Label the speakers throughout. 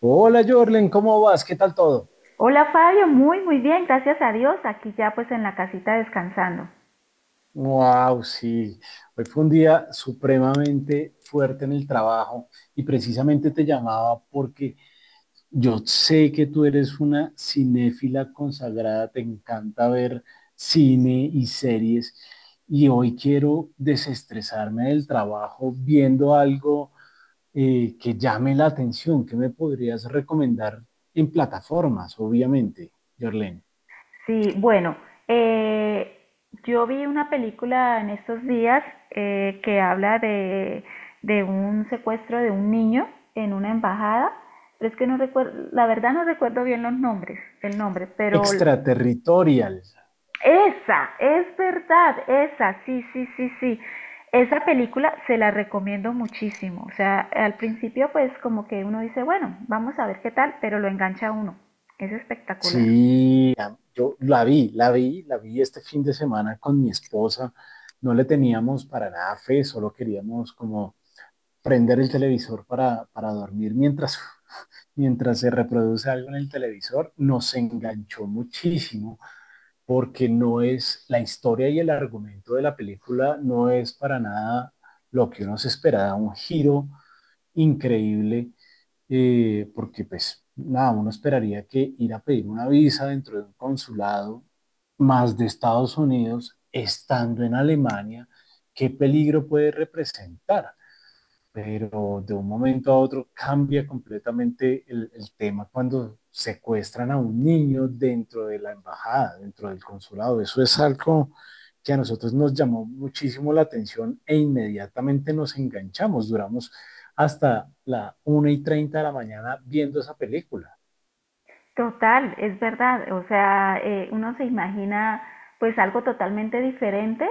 Speaker 1: Hola Jorlen, ¿cómo vas? ¿Qué tal todo?
Speaker 2: Hola Fabio, muy muy bien, gracias a Dios, aquí ya pues en la casita descansando.
Speaker 1: Wow, sí. Hoy fue un día supremamente fuerte en el trabajo y precisamente te llamaba porque yo sé que tú eres una cinéfila consagrada, te encanta ver cine y series y hoy quiero desestresarme del trabajo viendo algo que llame la atención. ¿Qué me podrías recomendar en plataformas, obviamente, Jorlen?
Speaker 2: Sí, bueno, eh, yo vi una película en estos días que habla de un secuestro de un niño en una embajada, pero es que no recuerdo, la verdad no recuerdo bien los nombres, el nombre, pero
Speaker 1: Extraterritorial.
Speaker 2: esa, es verdad, esa, sí, sí, sí, sí. Esa película se la recomiendo muchísimo. O sea, al principio pues como que uno dice, bueno, vamos a ver qué tal, pero lo engancha a uno. Es espectacular.
Speaker 1: Sí, yo la vi, la vi, la vi este fin de semana con mi esposa. No le teníamos para nada fe, solo queríamos como prender el televisor para dormir mientras se reproduce algo en el televisor. Nos enganchó muchísimo porque no es la historia y el argumento de la película, no es para nada lo que uno se esperaba, un giro increíble porque pues nada, uno esperaría que ir a pedir una visa dentro de un consulado más de Estados Unidos, estando en Alemania, ¿qué peligro puede representar? Pero de un momento a otro cambia completamente el tema cuando secuestran a un niño dentro de la embajada, dentro del consulado. Eso es algo que a nosotros nos llamó muchísimo la atención e inmediatamente nos enganchamos, duramos hasta la 1:30 de la mañana viendo esa película.
Speaker 2: Total, es verdad. O sea, uno se imagina pues algo totalmente diferente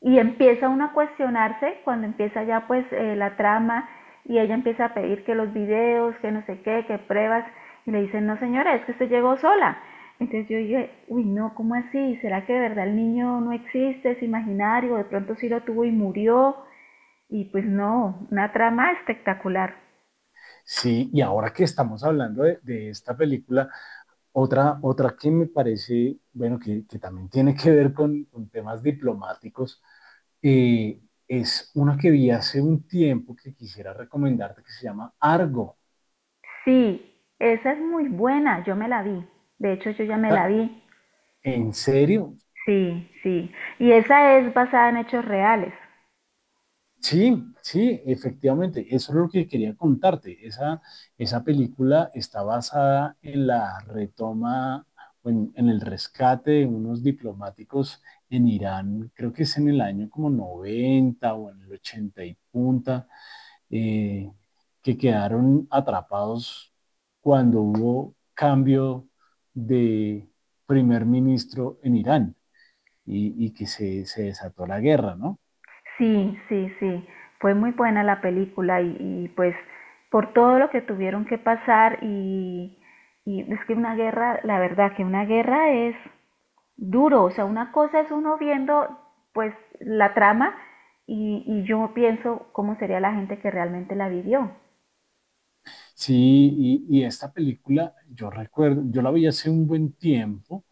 Speaker 2: y empieza uno a cuestionarse cuando empieza ya pues la trama y ella empieza a pedir que los videos, que no sé qué, que pruebas y le dicen, no señora, es que usted llegó sola. Entonces yo dije, uy no, ¿cómo así? ¿Será que de verdad el niño no existe, es imaginario, de pronto sí lo tuvo y murió? Y pues no, una trama espectacular.
Speaker 1: Sí, y ahora que estamos hablando de esta película, otra que me parece, bueno, que también tiene que ver con temas diplomáticos, eh, es una que vi hace un tiempo que quisiera recomendarte que se llama Argo.
Speaker 2: Sí, esa es muy buena, yo me la vi. De hecho, yo ya me
Speaker 1: Ah,
Speaker 2: la vi.
Speaker 1: ¿en serio?
Speaker 2: Sí, sí. Y esa es basada en hechos reales.
Speaker 1: Sí, sí, efectivamente, eso es lo que quería contarte. Esa película está basada en la retoma, o en el rescate de unos diplomáticos en Irán, creo que es en el año como 90 o en el 80 y punta eh, que quedaron atrapados cuando hubo cambio de primer ministro en Irán y que se desató la guerra, ¿no?
Speaker 2: Sí, sí, sí. Fue muy buena la película y pues por todo lo que tuvieron que pasar y es que una guerra, la verdad que una guerra es duro. O sea, una cosa es uno viendo pues la trama y yo pienso cómo sería la gente que realmente la vivió.
Speaker 1: Sí, y esta película, yo recuerdo, yo la vi hace un buen tiempo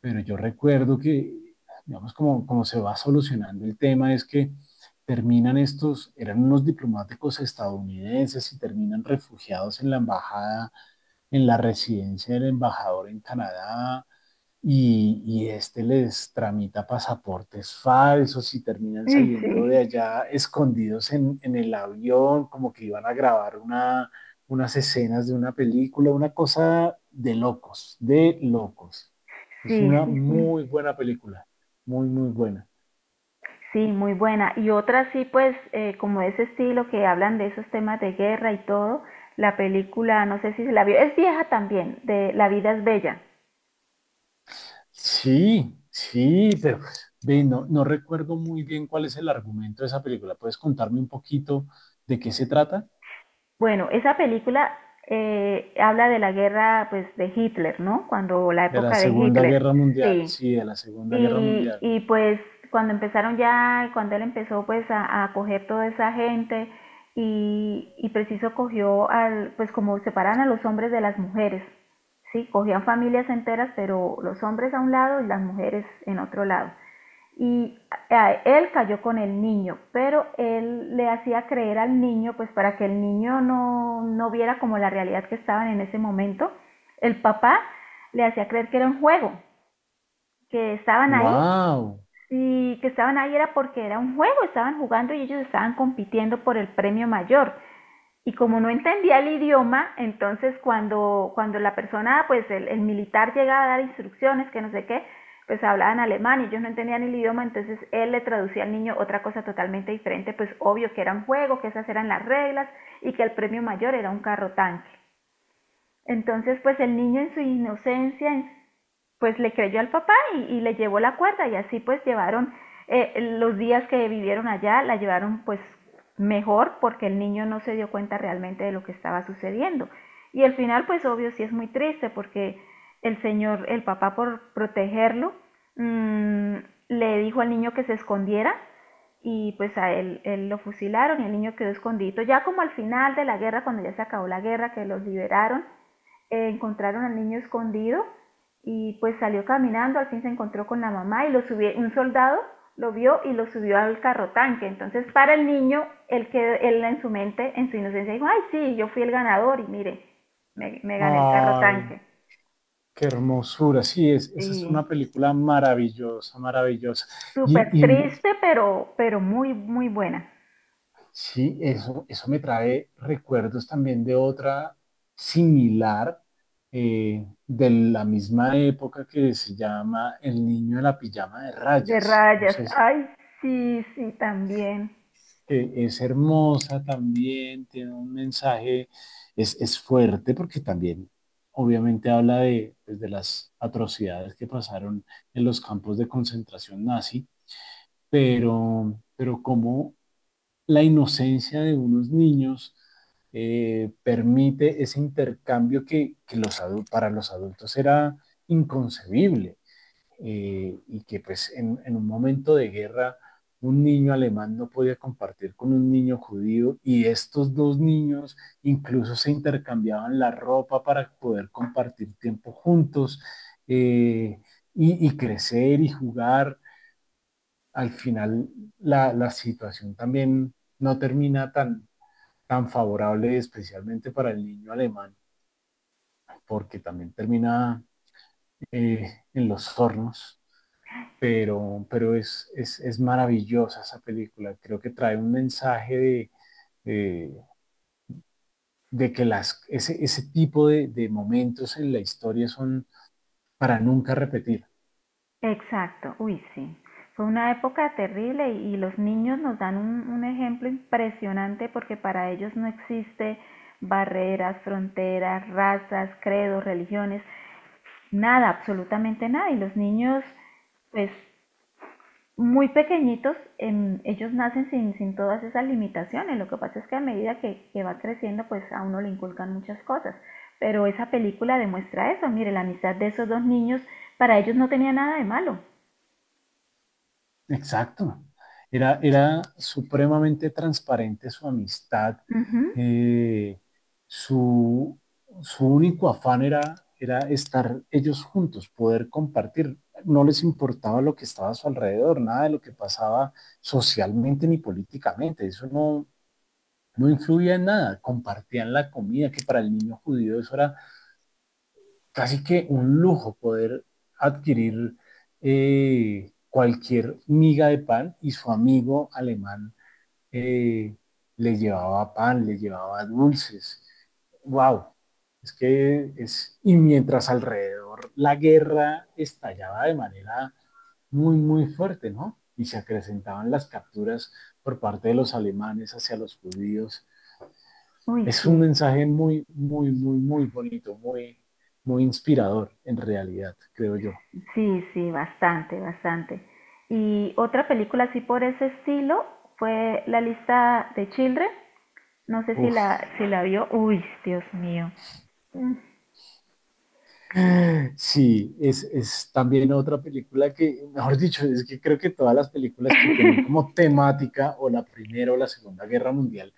Speaker 1: pero yo recuerdo que, digamos, como se va solucionando el tema es que terminan estos, eran unos diplomáticos estadounidenses y terminan refugiados en la embajada, en la residencia del embajador en Canadá, y este les tramita pasaportes falsos y terminan
Speaker 2: Sí,
Speaker 1: saliendo
Speaker 2: sí.
Speaker 1: de allá escondidos en el avión, como que iban a grabar unas escenas de una película, una cosa de locos, de locos. Es
Speaker 2: Sí,
Speaker 1: una
Speaker 2: sí, sí.
Speaker 1: muy buena película, muy, muy buena.
Speaker 2: Sí, muy buena. Y otra sí, pues como ese estilo que hablan de esos temas de guerra y todo, la película, no sé si se la vio, es vieja también, de La vida es bella.
Speaker 1: Sí, sí, pero ve, no, no recuerdo muy bien cuál es el argumento de esa película. ¿Puedes contarme un poquito de qué se trata?
Speaker 2: Bueno, esa película habla de la guerra pues de Hitler, ¿no? Cuando la
Speaker 1: De la
Speaker 2: época de
Speaker 1: Segunda
Speaker 2: Hitler.
Speaker 1: Guerra Mundial,
Speaker 2: Sí.
Speaker 1: sí, de la Segunda Guerra
Speaker 2: Y,
Speaker 1: Mundial.
Speaker 2: y pues cuando empezaron ya, cuando él empezó pues a coger toda esa gente y preciso cogió al, pues como separan a los hombres de las mujeres, ¿sí? Cogían familias enteras, pero los hombres a un lado y las mujeres en otro lado. Y él cayó con el niño, pero él le hacía creer al niño, pues para que el niño no viera como la realidad que estaban en ese momento, el papá le hacía creer que era un juego, que estaban ahí
Speaker 1: Wow.
Speaker 2: y que estaban ahí era porque era un juego, estaban jugando y ellos estaban compitiendo por el premio mayor. Y como no entendía el idioma, entonces cuando la persona, pues el militar llegaba a dar instrucciones, que no sé qué, pues hablaban alemán y ellos no entendían el idioma, entonces él le traducía al niño otra cosa totalmente diferente, pues obvio que era un juego, que esas eran las reglas y que el premio mayor era un carro tanque. Entonces, pues el niño en su inocencia, en pues le creyó al papá y le llevó la cuerda y así pues llevaron eh, los días que vivieron allá, la llevaron pues mejor porque el niño no se dio cuenta realmente de lo que estaba sucediendo. Y el final pues obvio sí es muy triste porque el señor, el papá por protegerlo, mmm, le dijo al niño que se escondiera y pues a él, él, lo fusilaron y el niño quedó escondido. Ya como al final de la guerra, cuando ya se acabó la guerra, que los liberaron, encontraron al niño escondido y pues salió caminando, al fin se encontró con la mamá y lo subió, un soldado lo vio y lo subió al carro tanque. Entonces, para el niño, él, quedó él en su mente, en su inocencia, dijo, ay, sí, yo fui el ganador y mire, me gané el carro
Speaker 1: Ay,
Speaker 2: tanque.
Speaker 1: qué hermosura. Sí, esa es
Speaker 2: Sí,
Speaker 1: una película maravillosa, maravillosa. Y,
Speaker 2: súper
Speaker 1: y
Speaker 2: triste, pero muy, muy buena.
Speaker 1: sí, eso me trae recuerdos también de otra similar de la misma época que se llama El niño de la pijama de
Speaker 2: De
Speaker 1: rayas. No
Speaker 2: rayas,
Speaker 1: sé, si
Speaker 2: ay, sí, sí, también.
Speaker 1: que es hermosa también, tiene un mensaje, es fuerte porque también obviamente habla de, pues, de las atrocidades que pasaron en los campos de concentración nazi, pero como la inocencia de unos niños permite ese intercambio que los, para los adultos era inconcebible y que pues en un momento de guerra un niño alemán no podía compartir con un niño judío y estos dos niños incluso se intercambiaban la ropa para poder compartir tiempo juntos eh, y crecer y jugar. Al final la situación también no termina tan, tan favorable, especialmente para el niño alemán, porque también termina en los hornos pero es maravillosa esa película. Creo que trae un mensaje de, de que las, ese tipo de momentos en la historia son para nunca repetir.
Speaker 2: Exacto, uy, sí. Fue una época terrible y los niños nos dan un ejemplo impresionante porque para ellos no existe barreras, fronteras, razas, credos, religiones, nada, absolutamente nada. Y los niños, pues muy pequeñitos, ellos nacen sin todas esas limitaciones. Lo que pasa es que a medida que va creciendo, pues a uno le inculcan muchas cosas. Pero esa película demuestra eso. Mire, la amistad de esos dos niños, para ellos no tenía nada de malo.
Speaker 1: Exacto. Era supremamente transparente su amistad.
Speaker 2: Ujú.
Speaker 1: eh, su, su único afán era, era estar ellos juntos, poder compartir. No les importaba lo que estaba a su alrededor, nada de lo que pasaba socialmente ni políticamente. Eso no influía en nada. Compartían la comida, que para el niño judío eso era casi que un lujo poder adquirir cualquier miga de pan y su amigo alemán eh, le llevaba pan, le llevaba dulces. ¡Wow! Es que es, y mientras alrededor la guerra estallaba de manera muy, muy fuerte, ¿no? Y se acrecentaban las capturas por parte de los alemanes hacia los judíos,
Speaker 2: Uy,
Speaker 1: es un
Speaker 2: sí,
Speaker 1: mensaje muy, muy, muy, muy bonito, muy, muy inspirador en realidad, creo yo.
Speaker 2: sí, sí, bastante, bastante. Y otra película así por ese estilo fue La lista de Children. No sé si
Speaker 1: Uf,
Speaker 2: la, si la vio. Uy, Dios mío. Mm,
Speaker 1: sí, es también otra película que, mejor dicho, es que creo que todas las películas que tienen como temática o la Primera o la Segunda Guerra Mundial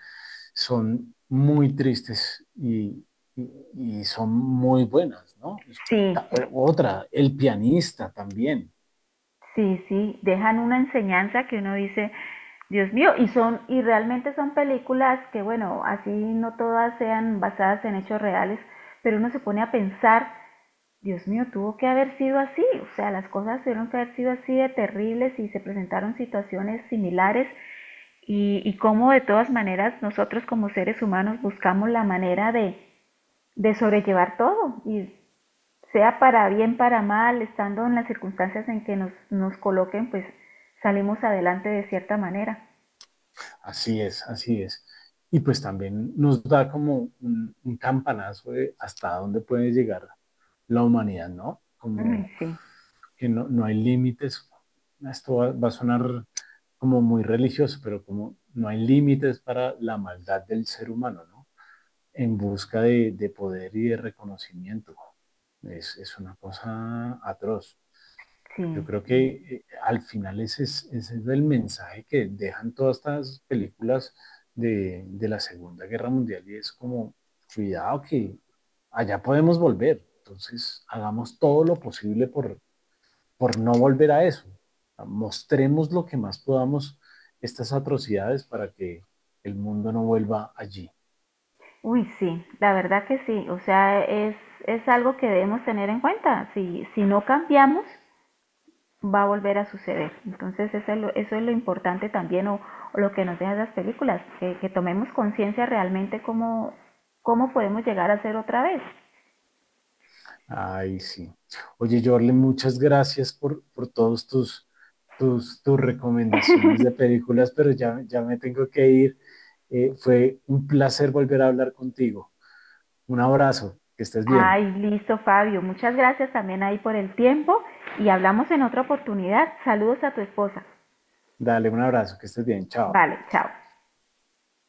Speaker 1: son muy tristes y, y son muy buenas, ¿no?
Speaker 2: sí,
Speaker 1: Otra, El pianista también.
Speaker 2: sí, sí. Dejan una enseñanza que uno dice, Dios mío, y son, y realmente son películas que, bueno, así no todas sean basadas en hechos reales, pero uno se pone a pensar Dios mío, tuvo que haber sido así, o sea, las cosas tuvieron que haber sido así de terribles y se presentaron situaciones similares y cómo de todas maneras nosotros como seres humanos buscamos la manera de sobrellevar todo y sea para bien, para mal, estando en las circunstancias en que nos, nos coloquen, pues salimos adelante de cierta manera.
Speaker 1: Así es, así es. Y pues también nos da como un, campanazo de hasta dónde puede llegar la humanidad, ¿no?
Speaker 2: Uy,
Speaker 1: Como
Speaker 2: sí,
Speaker 1: que no hay límites. Esto va a sonar como muy religioso, pero como no hay límites para la maldad del ser humano, ¿no? En busca de poder y de reconocimiento. Es una cosa atroz.
Speaker 2: sí.
Speaker 1: Yo creo que al final ese es el mensaje que dejan todas estas películas de la Segunda Guerra Mundial y es como, cuidado que allá podemos volver. Entonces, hagamos todo lo posible por no volver a eso. Mostremos lo que más podamos estas atrocidades para que el mundo no vuelva allí.
Speaker 2: Uy, sí, la verdad que sí, o sea, es algo que debemos tener en cuenta. Si, si no cambiamos, va a volver a suceder. Entonces eso es lo importante también o lo que nos dejan las películas, que tomemos conciencia realmente cómo, cómo podemos llegar a ser otra vez.
Speaker 1: Ay, sí. Oye, Jorlen, muchas gracias por todos tus, tus recomendaciones de películas, pero ya, ya me tengo que ir. Fue un placer volver a hablar contigo. Un abrazo, que estés bien.
Speaker 2: Ay, listo Fabio, muchas gracias también ahí por el tiempo y hablamos en otra oportunidad. Saludos a tu esposa.
Speaker 1: Dale un abrazo, que estés bien. Chao.
Speaker 2: Vale, chao.